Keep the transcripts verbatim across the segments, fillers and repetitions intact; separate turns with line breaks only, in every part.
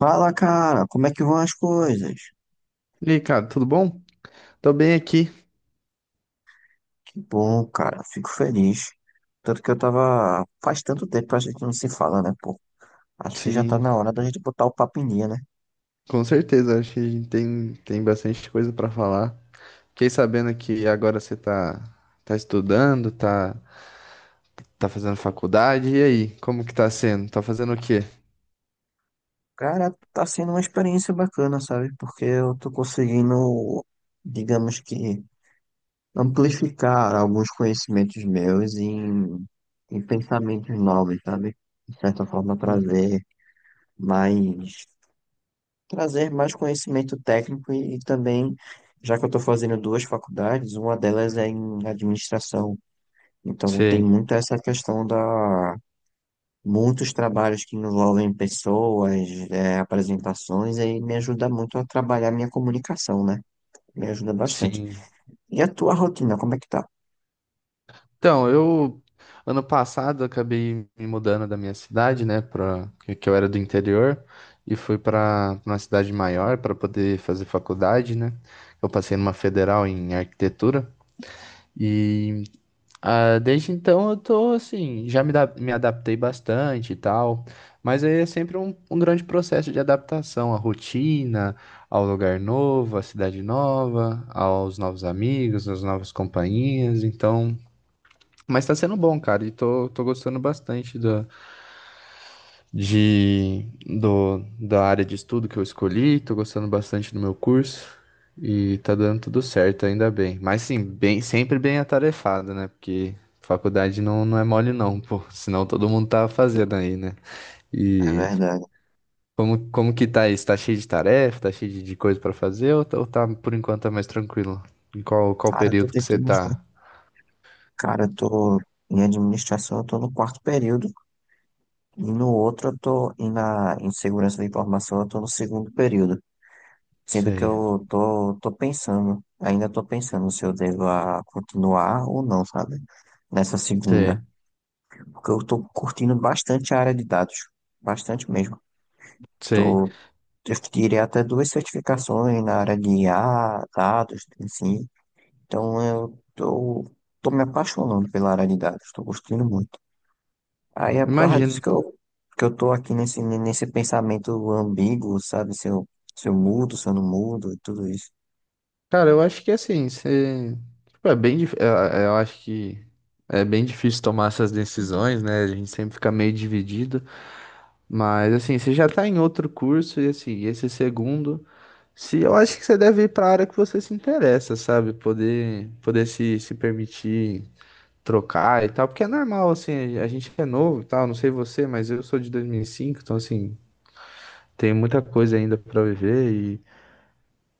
Fala, cara, como é que vão as coisas?
E aí, cara, tudo bom? Tô bem aqui.
Que bom, cara, fico feliz. Tanto que eu tava. Faz tanto tempo que a gente não se fala, né, pô? Acho que já tá
Sim,
na hora da gente botar o papo em dia, né?
com certeza. Acho que a gente tem, tem bastante coisa pra falar. Fiquei sabendo que agora você tá, tá estudando, tá, tá fazendo faculdade. E aí, como que tá sendo? Tá fazendo o quê?
Cara, tá sendo uma experiência bacana, sabe? Porque eu tô conseguindo, digamos que, amplificar alguns conhecimentos meus em, em pensamentos novos, sabe? De certa forma,
Hum,
trazer mais. Trazer mais conhecimento técnico e, e também, já que eu estou fazendo duas faculdades, uma delas é em administração. Então, tem
Sei,
muito essa questão da muitos trabalhos que envolvem pessoas, é, apresentações, aí me ajuda muito a trabalhar minha comunicação, né? Me ajuda bastante.
sim.
E a tua rotina, como é que tá?
Então, eu, ano passado, eu acabei me mudando da minha cidade, né, para que que eu era do interior, e fui para uma cidade maior para poder fazer faculdade, né? Eu passei numa federal em arquitetura. E Ah, desde então eu tô assim, já me, da- me adaptei bastante e tal, mas aí é sempre um, um grande processo de adaptação à rotina, ao lugar novo, à cidade nova, aos novos amigos, às novas companhias, então. Mas tá sendo bom, cara, e tô, tô gostando bastante de do, da área de estudo que eu escolhi, tô gostando bastante do meu curso e tá dando tudo certo, ainda bem. Mas sim, bem, sempre bem atarefado, né? Porque faculdade não, não é mole não, pô, senão todo mundo tá fazendo aí, né?
É
E
verdade.
como, como que tá isso? Tá cheio de tarefa, tá cheio de, de coisa pra fazer ou, tá- ou tá, por enquanto, tá mais tranquilo? Em qual, qual
Cara, eu tô
período que você
tentando.
tá?
Cara, eu tô em administração, eu tô no quarto período, e no outro eu tô, e na, em segurança da informação, eu tô no segundo período. Sendo que
Sei,
eu tô, tô pensando, ainda tô pensando se eu devo a continuar ou não, sabe? Nessa segunda.
sei,
Porque eu tô curtindo bastante a área de dados. Bastante mesmo.
sei.
Tô, eu tirei até duas certificações na área de I a dados, assim. Então eu tô, tô me apaixonando pela área de dados. Tô curtindo muito. Aí é por causa disso
Imagino.
que eu, que eu tô aqui nesse, nesse pensamento ambíguo, sabe? Se eu, se eu mudo, se eu não mudo e tudo isso.
Cara, eu acho que assim, você... tipo, é bem dif... eu eu acho que é bem difícil tomar essas decisões, né? A gente sempre fica meio dividido, mas assim, você já tá em outro curso e assim, esse segundo, se eu acho que você deve ir para a área que você se interessa, sabe? Poder poder se, se permitir trocar e tal, porque é normal assim, a gente é novo e tal, não sei você, mas eu sou de dois mil e cinco, então assim, tem muita coisa ainda para viver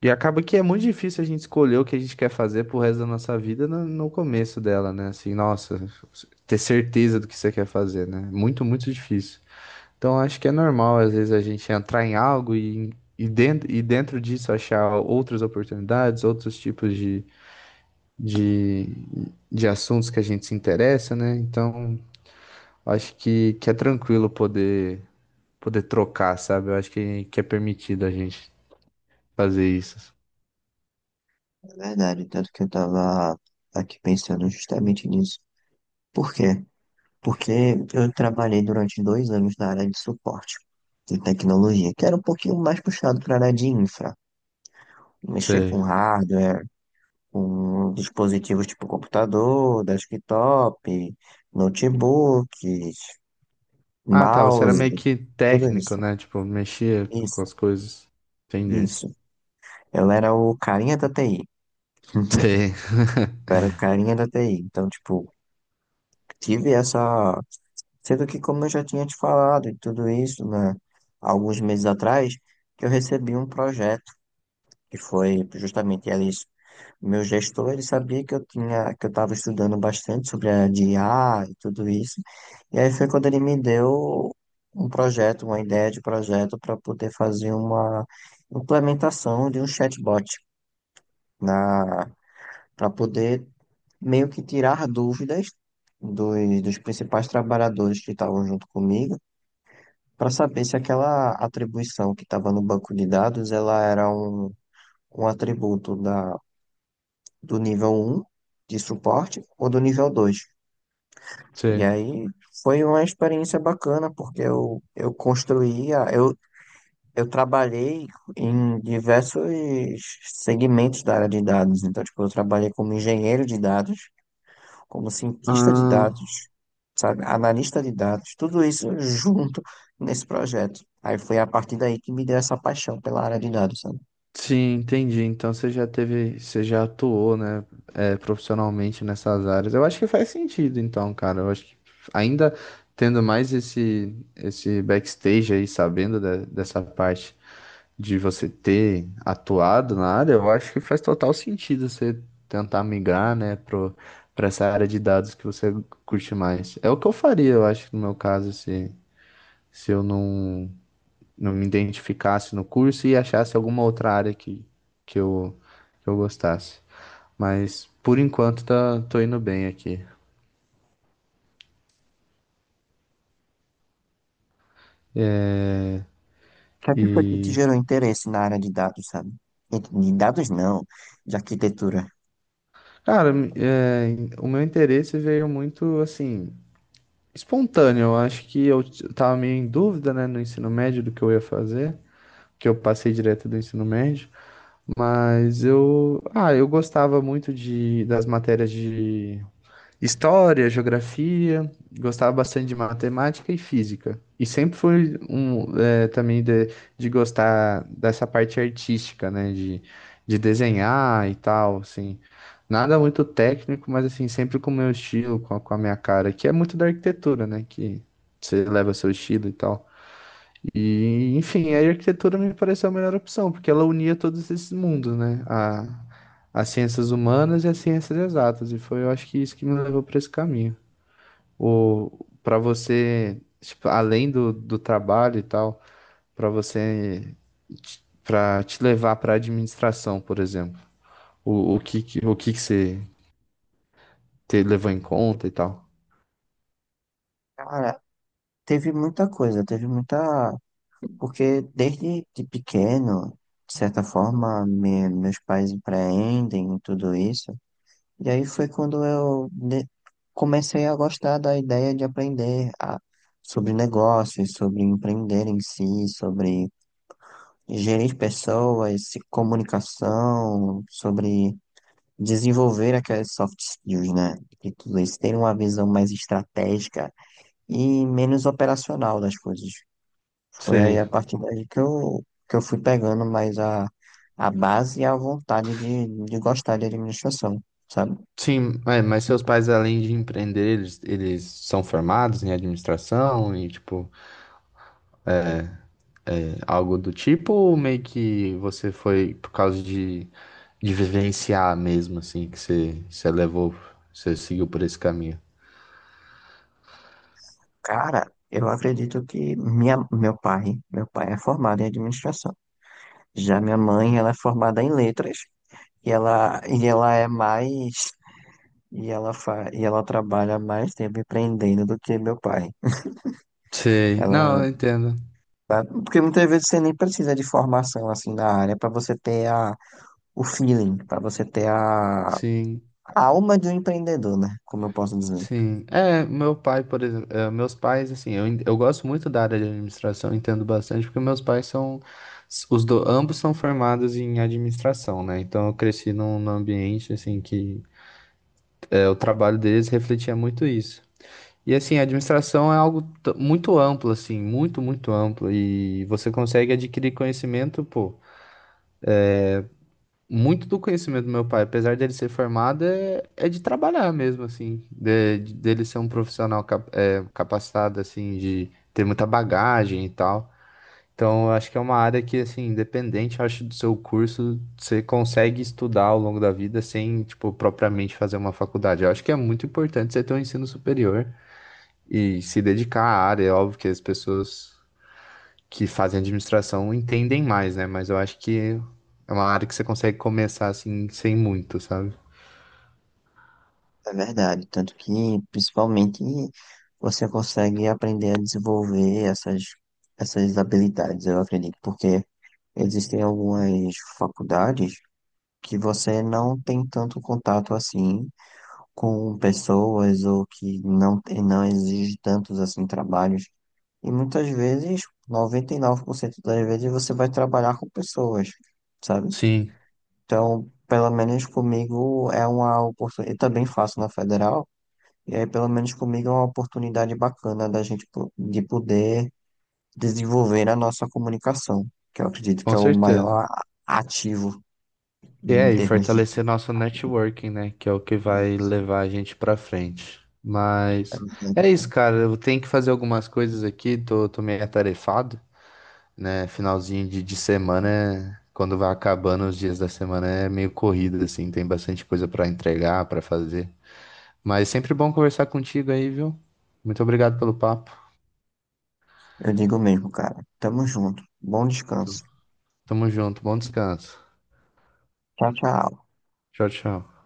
e acaba que é muito difícil a gente escolher o que a gente quer fazer pro resto da nossa vida no, no começo dela, né? Assim, nossa, ter certeza do que você quer fazer, né? Muito, muito difícil. Então acho que é normal, às vezes, a gente entrar em algo e, e, dentro, e dentro disso achar outras oportunidades, outros tipos de, de, de assuntos que a gente se interessa, né? Então acho que, que é tranquilo poder, poder trocar, sabe? Eu acho que, que é permitido a gente fazer isso.
É verdade, tanto que eu estava aqui pensando justamente nisso. Por quê? Porque eu trabalhei durante dois anos na área de suporte de tecnologia, que era um pouquinho mais puxado para a área de infra. Mexer
Sei.
com hardware, com dispositivos tipo computador, desktop, notebooks,
Ah, tá. Você era
mouse,
meio que
tudo
técnico,
isso.
né? Tipo, mexia com
Isso,
as coisas. Entendi.
isso. Eu era o carinha da T I.
Sim.
Eu era o carinha da T I. Então, tipo, tive essa. Sendo que, como eu já tinha te falado e tudo isso, né, alguns meses atrás, que eu recebi um projeto que foi justamente ali, meu gestor, ele sabia que eu tinha, que eu estava estudando bastante sobre a de I A e tudo isso. E aí foi quando ele me deu um projeto, uma ideia de projeto para poder fazer uma implementação de um chatbot na para poder meio que tirar dúvidas dos, dos principais trabalhadores que estavam junto comigo para saber se aquela atribuição que estava no banco de dados ela era um, um atributo da, do nível um de suporte ou do nível dois. E
Sei.
aí foi uma experiência bacana, porque eu, eu construía, eu, eu trabalhei em diversos segmentos da área de dados. Então, tipo, eu trabalhei como engenheiro de dados, como cientista de
Ah,
dados, sabe, analista de dados, tudo isso junto nesse projeto. Aí foi a partir daí que me deu essa paixão pela área de dados, sabe? O
sim, entendi. Então você já teve, você já atuou, né, é, profissionalmente nessas áreas. Eu acho que faz sentido, então, cara. Eu acho que ainda tendo mais esse, esse backstage aí, sabendo de- dessa parte de você ter atuado na área, eu acho que faz total sentido você tentar migrar, né, pro, pra essa área de dados que você curte mais. É o que eu faria, eu acho, no meu caso, se, se eu não, não me identificasse no curso e achasse alguma outra área que, que eu, que eu gostasse. Mas, por enquanto, tá, tô indo bem aqui.
que é que foi que te
E,
gerou interesse na área de dados, sabe? E de dados não, de arquitetura.
cara, é, o meu interesse veio muito, assim, espontâneo. Eu acho que eu t- tava meio em dúvida, né, no ensino médio do que eu ia fazer, que eu passei direto do ensino médio, mas eu, ah, eu gostava muito de das matérias de história, geografia, gostava bastante de matemática e física. E sempre fui um, eh, também de, de gostar dessa parte artística, né? De, de desenhar e tal, assim. Nada muito técnico, mas assim, sempre com o meu estilo, com a, com a minha cara, que é muito da arquitetura, né? Que você leva seu estilo e tal. E, enfim, a arquitetura me pareceu a melhor opção, porque ela unia todos esses mundos, né? A, as ciências humanas e as ciências exatas. E foi, eu acho que isso que me levou para esse caminho. O, para você, tipo, além do, do trabalho e tal, para você, para te levar para administração, por exemplo. O, o que, que- o que que você te levou em conta e tal?
Cara, teve muita coisa, teve muita. Porque desde de pequeno, de certa forma, me- meus pais empreendem e tudo isso. E aí foi quando eu de- comecei a gostar da ideia de aprender a- sobre negócios, sobre empreender em si, sobre gerir pessoas, se- comunicação, sobre desenvolver aqueles soft skills, né? E tudo isso, ter uma visão mais estratégica e menos operacional das coisas. Foi aí
Sei.
a partir daí que eu, que eu fui pegando mais a, a base e a vontade de, de gostar de administração, sabe?
Sim, é, mas seus pais, além de empreender, eles, eles são formados em administração e, tipo. É, algo do tipo, ou meio que você foi por causa de, de vivenciar mesmo, assim, que você, você levou, você seguiu por esse caminho?
Cara, eu acredito que minha, meu pai, meu pai é formado em administração. Já minha mãe, ela é formada em letras e ela, e ela é mais e ela fa, e ela trabalha mais tempo empreendendo do que meu pai.
Sei, não,
Ela,
eu entendo.
tá- porque muitas vezes você nem precisa de formação assim na área para você ter a, o feeling, para você ter a,
Sim,
a alma de um empreendedor, né? Como eu posso dizer.
sim. É, meu pai, por exemplo, é, meus pais, assim, eu, en- eu gosto muito da área de administração, entendo bastante, porque meus pais são, os do, ambos são formados em administração, né? Então eu cresci num, num ambiente, assim, que é, o trabalho deles refletia muito isso. E assim, a administração é algo t- muito amplo, assim, muito, muito amplo. E você consegue adquirir conhecimento, pô. Muito do conhecimento do meu pai, apesar dele ser formado, é, é de trabalhar mesmo, assim. De- de- dele ser um profissional cap- é, capacitado, assim, de ter muita bagagem e tal. Então, eu acho que é uma área que, assim, independente, eu acho, do seu curso, você consegue estudar ao longo da vida sem, tipo, propriamente fazer uma faculdade. Eu acho que é muito importante você ter um ensino superior e se dedicar à área. É óbvio que as pessoas que fazem administração entendem mais, né? Mas eu acho que é uma área que você consegue começar assim sem muito, sabe?
É verdade, tanto que principalmente você consegue aprender a desenvolver essas, essas habilidades, eu acredito, porque existem algumas faculdades que você não tem tanto contato assim com pessoas ou que não, tem- não exige tantos assim trabalhos. E muitas vezes, noventa e nove por cento das vezes, você vai trabalhar com pessoas, sabe?
Sim,
Então, pelo menos comigo é uma oportunidade. Eu também faço na federal. E aí, pelo menos comigo, é uma oportunidade bacana da gente po- de poder desenvolver a nossa comunicação, que eu acredito que
com
é o
certeza.
maior a- ativo
E
em
é, e
termos de.
fortalecer nosso networking, né? Que é o que vai
De-
levar a gente pra frente. Mas é isso,
de-
cara. Eu tenho que fazer algumas coisas aqui, tô, tô meio atarefado, né? Finalzinho de, de semana, quando vai acabando os dias da semana, é meio corrido, assim, tem bastante coisa pra entregar, pra fazer. Mas é sempre bom conversar contigo aí, viu? Muito obrigado pelo papo.
Eu digo mesmo, cara. Tamo junto. Bom descanso.
Tamo junto, bom descanso.
Tchau, tchau.
Tchau, tchau.